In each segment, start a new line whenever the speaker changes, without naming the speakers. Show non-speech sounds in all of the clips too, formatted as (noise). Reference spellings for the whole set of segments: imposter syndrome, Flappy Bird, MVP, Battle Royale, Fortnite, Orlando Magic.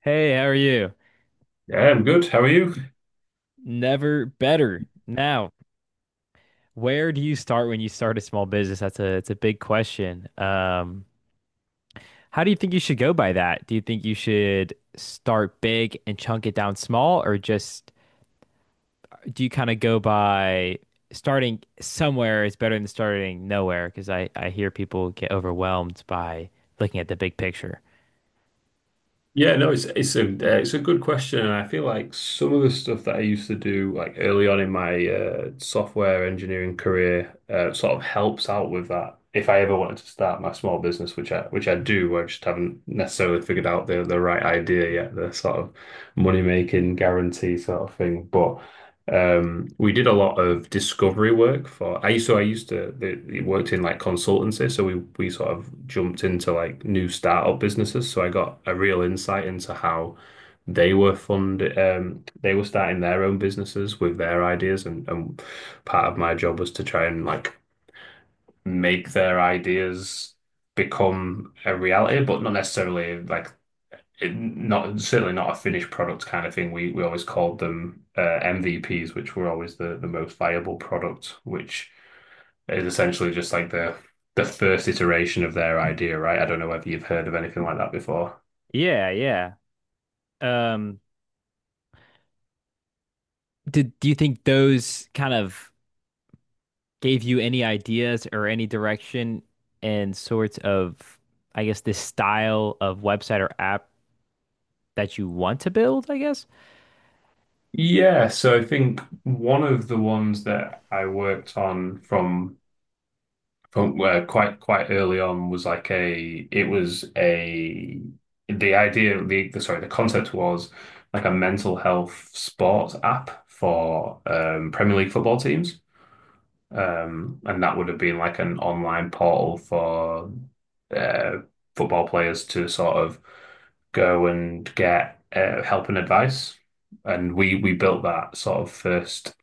Hey, how are you?
Yeah, I'm good. How are you?
Never better. Now, where do you start when you start a small business? That's a it's a big question. How do you think you should go by that? Do you think you should start big and chunk it down small, or just do you kind of go by starting somewhere is better than starting nowhere? Because I hear people get overwhelmed by looking at the big picture.
Yeah, no, it's it's a good question, and I feel like some of the stuff that I used to do like early on in my software engineering career sort of helps out with that. If I ever wanted to start my small business, which I do, I just haven't necessarily figured out the right idea yet, the sort of money making guarantee sort of thing. But we did a lot of discovery work for I so I used to the, it worked in like consultancy, so we sort of jumped into like new startup businesses. So I got a real insight into how they were funded. They were starting their own businesses with their ideas, and part of my job was to try and like make their ideas become a reality, but not necessarily like it, not certainly not a finished product kind of thing. We always called them MVPs, which were always the most viable product, which is essentially just like the first iteration of their idea, right? I don't know whether you've heard of anything like that before.
Yeah, yeah. Um, do you think those kind of gave you any ideas or any direction and sorts of, I guess, this style of website or app that you want to build, I guess?
Yeah, so I think one of the ones that I worked on from where quite quite early on was like a it was a the idea the sorry the concept was like a mental health sports app for Premier League football teams, and that would have been like an online portal for uh, football players to sort of go and get help and advice. And we built that sort of first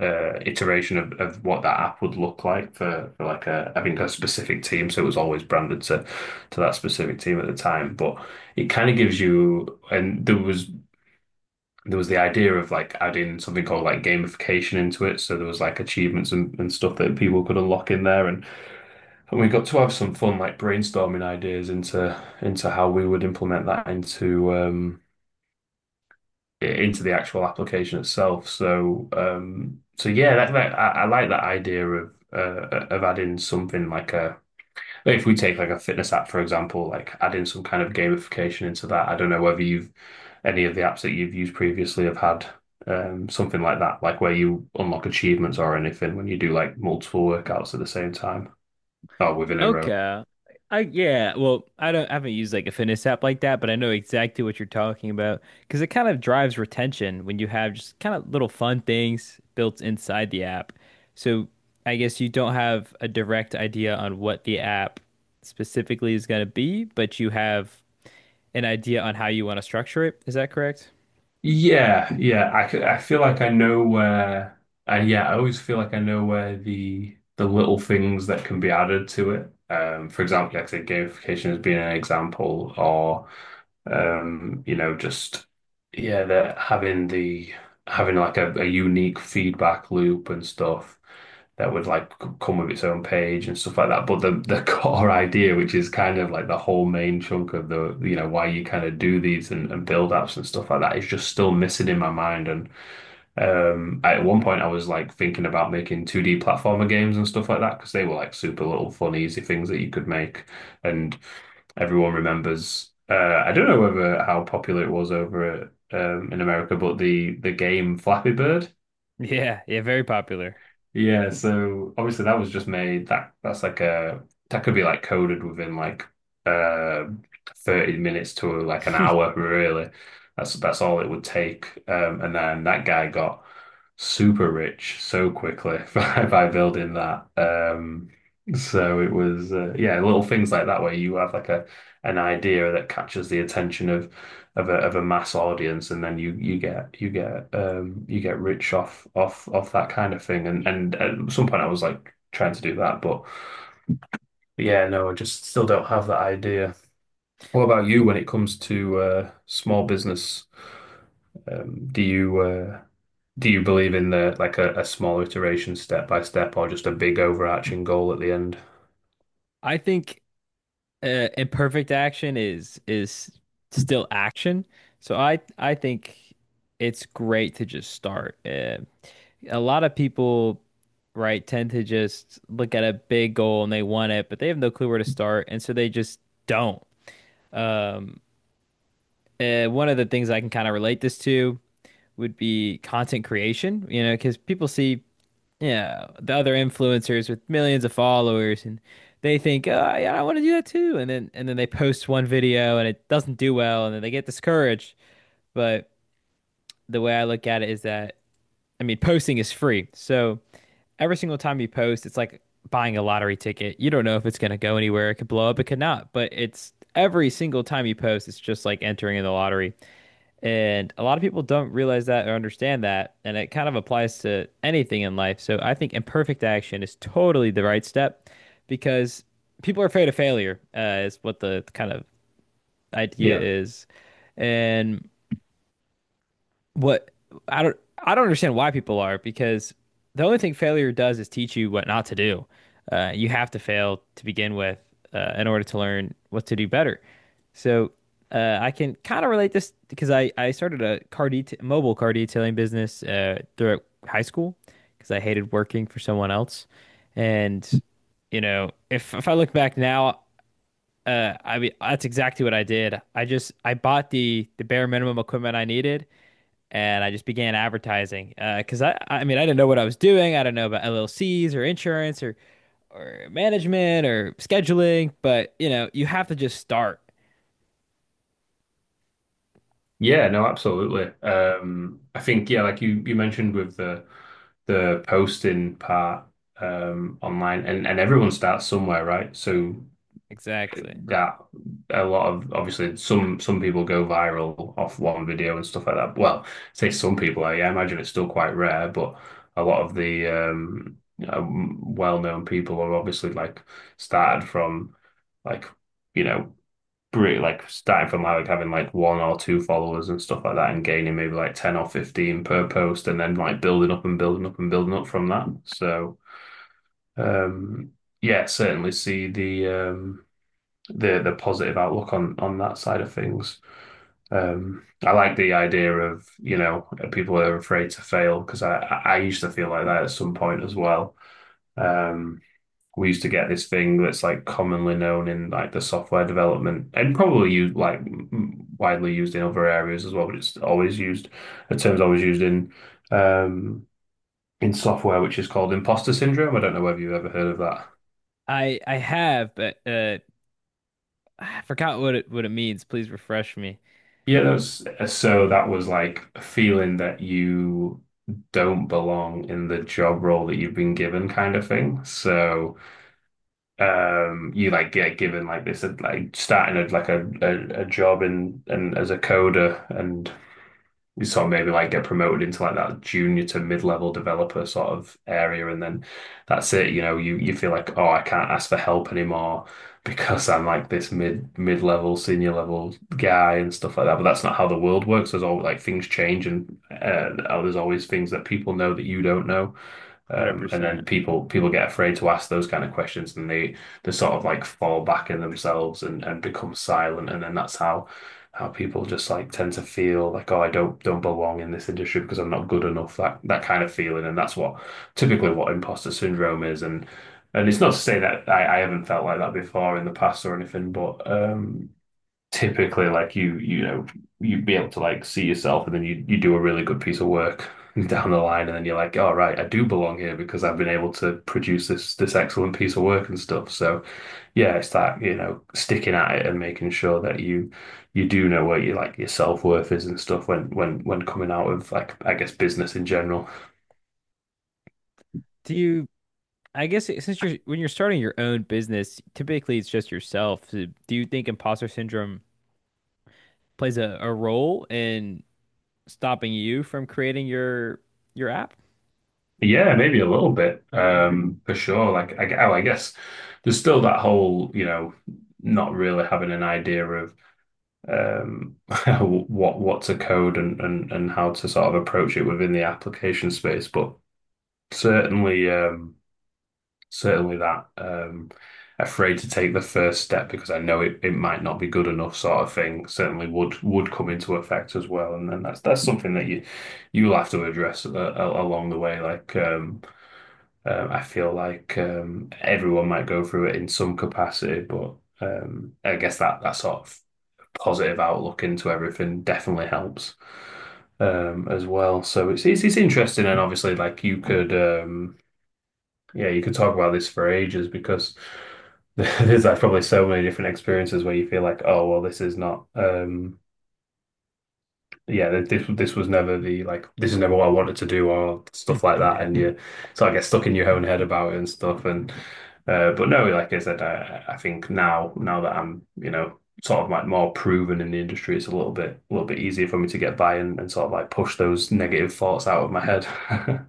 iteration of, what that app would look like for, like a I think a specific team. So it was always branded to that specific team at the time. But it kind of gives you, and there was the idea of like adding something called like gamification into it. So there was like achievements and stuff that people could unlock in there, and we got to have some fun like brainstorming ideas into how we would implement that into the actual application itself. So, so yeah, I like that idea of of adding something like a, like if we take like a fitness app for example, like adding some kind of gamification into that. I don't know whether you've any of the apps that you've used previously have had something like that, like where you unlock achievements or anything when you do like multiple workouts at the same time or within a row.
Okay. I yeah, well, I haven't used like a fitness app like that, but I know exactly what you're talking about because it kind of drives retention when you have just kind of little fun things built inside the app. So I guess you don't have a direct idea on what the app specifically is going to be, but you have an idea on how you want to structure it. Is that correct?
Yeah, yeah. I feel like I know where, and yeah, I always feel like I know where the little things that can be added to it. For example, like I said, gamification has been an example. Or you know, just yeah, that having the having like a unique feedback loop and stuff that would like come with its own page and stuff like that. But the (laughs) core idea, which is kind of like the whole main chunk of the, you know, why you kind of do these and build apps and stuff like that, is just still missing in my mind. And. At one point, I was like thinking about making 2D platformer games and stuff like that because they were like super little fun, easy things that you could make. And everyone remembers. I don't know whether how popular it was over in America, but the game Flappy Bird.
Yeah, yeah, very popular.
Yeah, so obviously that was just made, that could be like coded within like uh 30 minutes to like an
(laughs)
hour really. That's all it would take. And then that guy got super rich so quickly (laughs) by, building that. So it was yeah, little things like that where you have like a an idea that catches the attention of a mass audience, and then you get rich off that kind of thing. And at some point I was like trying to do that, but yeah, no, I just still don't have that idea. What about you when it comes to small business? Do you believe in the, like, a small iteration step by step, or just a big overarching goal at the end?
I think imperfect action is still action. So I think it's great to just start. A lot of people, right, tend to just look at a big goal and they want it, but they have no clue where to start, and so they just don't. One of the things I can kind of relate this to would be content creation, you know, because people see, yeah, the other influencers with millions of followers, and they think, "Oh, yeah, I want to do that too." And then they post one video and it doesn't do well, and then they get discouraged. But the way I look at it is that, I mean, posting is free. So every single time you post, it's like buying a lottery ticket. You don't know if it's gonna go anywhere. It could blow up, it could not. But it's every single time you post, it's just like entering in the lottery. And a lot of people don't realize that or understand that. And it kind of applies to anything in life. So I think imperfect action is totally the right step because people are afraid of failure, is what the kind of idea
Yeah.
is. And what I don't understand why people are, because the only thing failure does is teach you what not to do. You have to fail to begin with in order to learn what to do better. So I can kind of relate this because I started a car det mobile car detailing business throughout high school because I hated working for someone else. And you know, if I look back now, I mean that's exactly what I did. I just I bought the bare minimum equipment I needed and I just began advertising because I mean I didn't know what I was doing. I didn't know about LLCs or insurance or management or scheduling, but you know you have to just start.
Yeah, no, absolutely. I think, yeah, like you mentioned with the posting part, online. And everyone starts somewhere, right? So
Exactly.
that a lot of, obviously, some people go viral off one video and stuff like that. Well, say some people, I imagine it's still quite rare, but a lot of the well-known people are obviously like started from, like, you know, really, like starting from like having like one or two followers and stuff like that, and gaining maybe like 10 or 15 per post, and then like building up and building up and building up from that. So um yeah, certainly see the positive outlook on that side of things. I like the idea of, people are afraid to fail, because I used to feel like that at some point as well. Um we used to get this thing that's like commonly known in like the software development, and probably used like widely used in other areas as well, but it's always used, the term's always used um in software, which is called imposter syndrome. I don't know whether you've ever heard of that.
I have, but I forgot what it means. Please refresh me.
Yeah, that's so that was like a feeling that you don't belong in the job role that you've been given kind of thing. So you like get given like this like starting a job and as a coder, and you sort of maybe like get promoted into like that junior to mid-level developer sort of area, and then that's it, you know, you feel like, oh, I can't ask for help anymore, because I'm like this mid-level senior level guy and stuff like that. But that's not how the world works. There's all, like, things change, and there's always things that people know that you don't know, and
100%.
then people get afraid to ask those kind of questions, and they sort of like fall back in themselves, and become silent. And then that's how people just like tend to feel like, oh, I don't belong in this industry, because I'm not good enough. That, kind of feeling, and that's what, typically, what imposter syndrome is. And it's not to say that I haven't felt like that before in the past or anything, but typically, like, you know, you'd be able to like see yourself, and then you do a really good piece of work (laughs) down the line, and then you're like, all right, I do belong here, because I've been able to produce this excellent piece of work and stuff. So yeah, it's that, sticking at it and making sure that you do know where you, like, your self-worth is and stuff when when coming out of, like, I guess, business in general.
Do you, I guess it- since you're when you're starting your own business, typically it's just yourself. So do you think imposter syndrome plays a role in stopping you from creating your app?
Yeah, maybe a little bit, for sure. Like oh, I guess there's still that whole, you know, not really having an idea of um, (laughs) what to code, and how to sort of approach it within the application space. But certainly, certainly that, afraid to take the first step because I know it might not be good enough sort of thing, certainly would come into effect as well. And then that's something that you you'll have to address along the way. Like, I feel like, everyone might go through it in some capacity, but. I guess that sort of positive outlook into everything definitely helps, as well. So it's interesting, and obviously, like, you could, yeah, you could talk about this for ages, because (laughs) there's like probably so many different experiences where you feel like, oh, well, this is not. Yeah, th- this was never the like this is never what I wanted to do or
Hmm.
stuff like that,
(laughs)
and you sort of get stuck in your own head about it and stuff. And but no, like I said, I think now that I'm, you know, sort of like more proven in the industry, it's a little bit easier for me to get by, and sort of like push those negative thoughts out of my head. (laughs)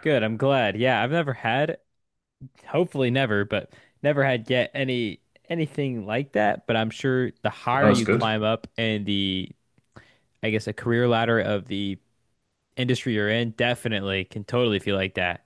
Good. I'm glad. Yeah, I've never had, hopefully never, but never had yet any anything like that. But I'm sure the
That
higher
was
you
good.
climb up and the, I guess, a career ladder of the industry you're in, definitely can totally feel like that.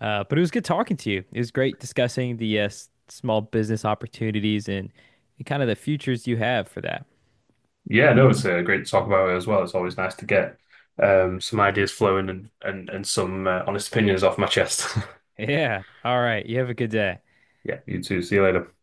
But it was good talking to you. It was great discussing the s- small business opportunities and kind of the futures you have for that.
Yeah, no, it's great to talk about it as well. It's always nice to get some ideas flowing and some honest opinions off my chest. (laughs)
Yeah. All right. You have a good day.
Yeah, you too. See you later.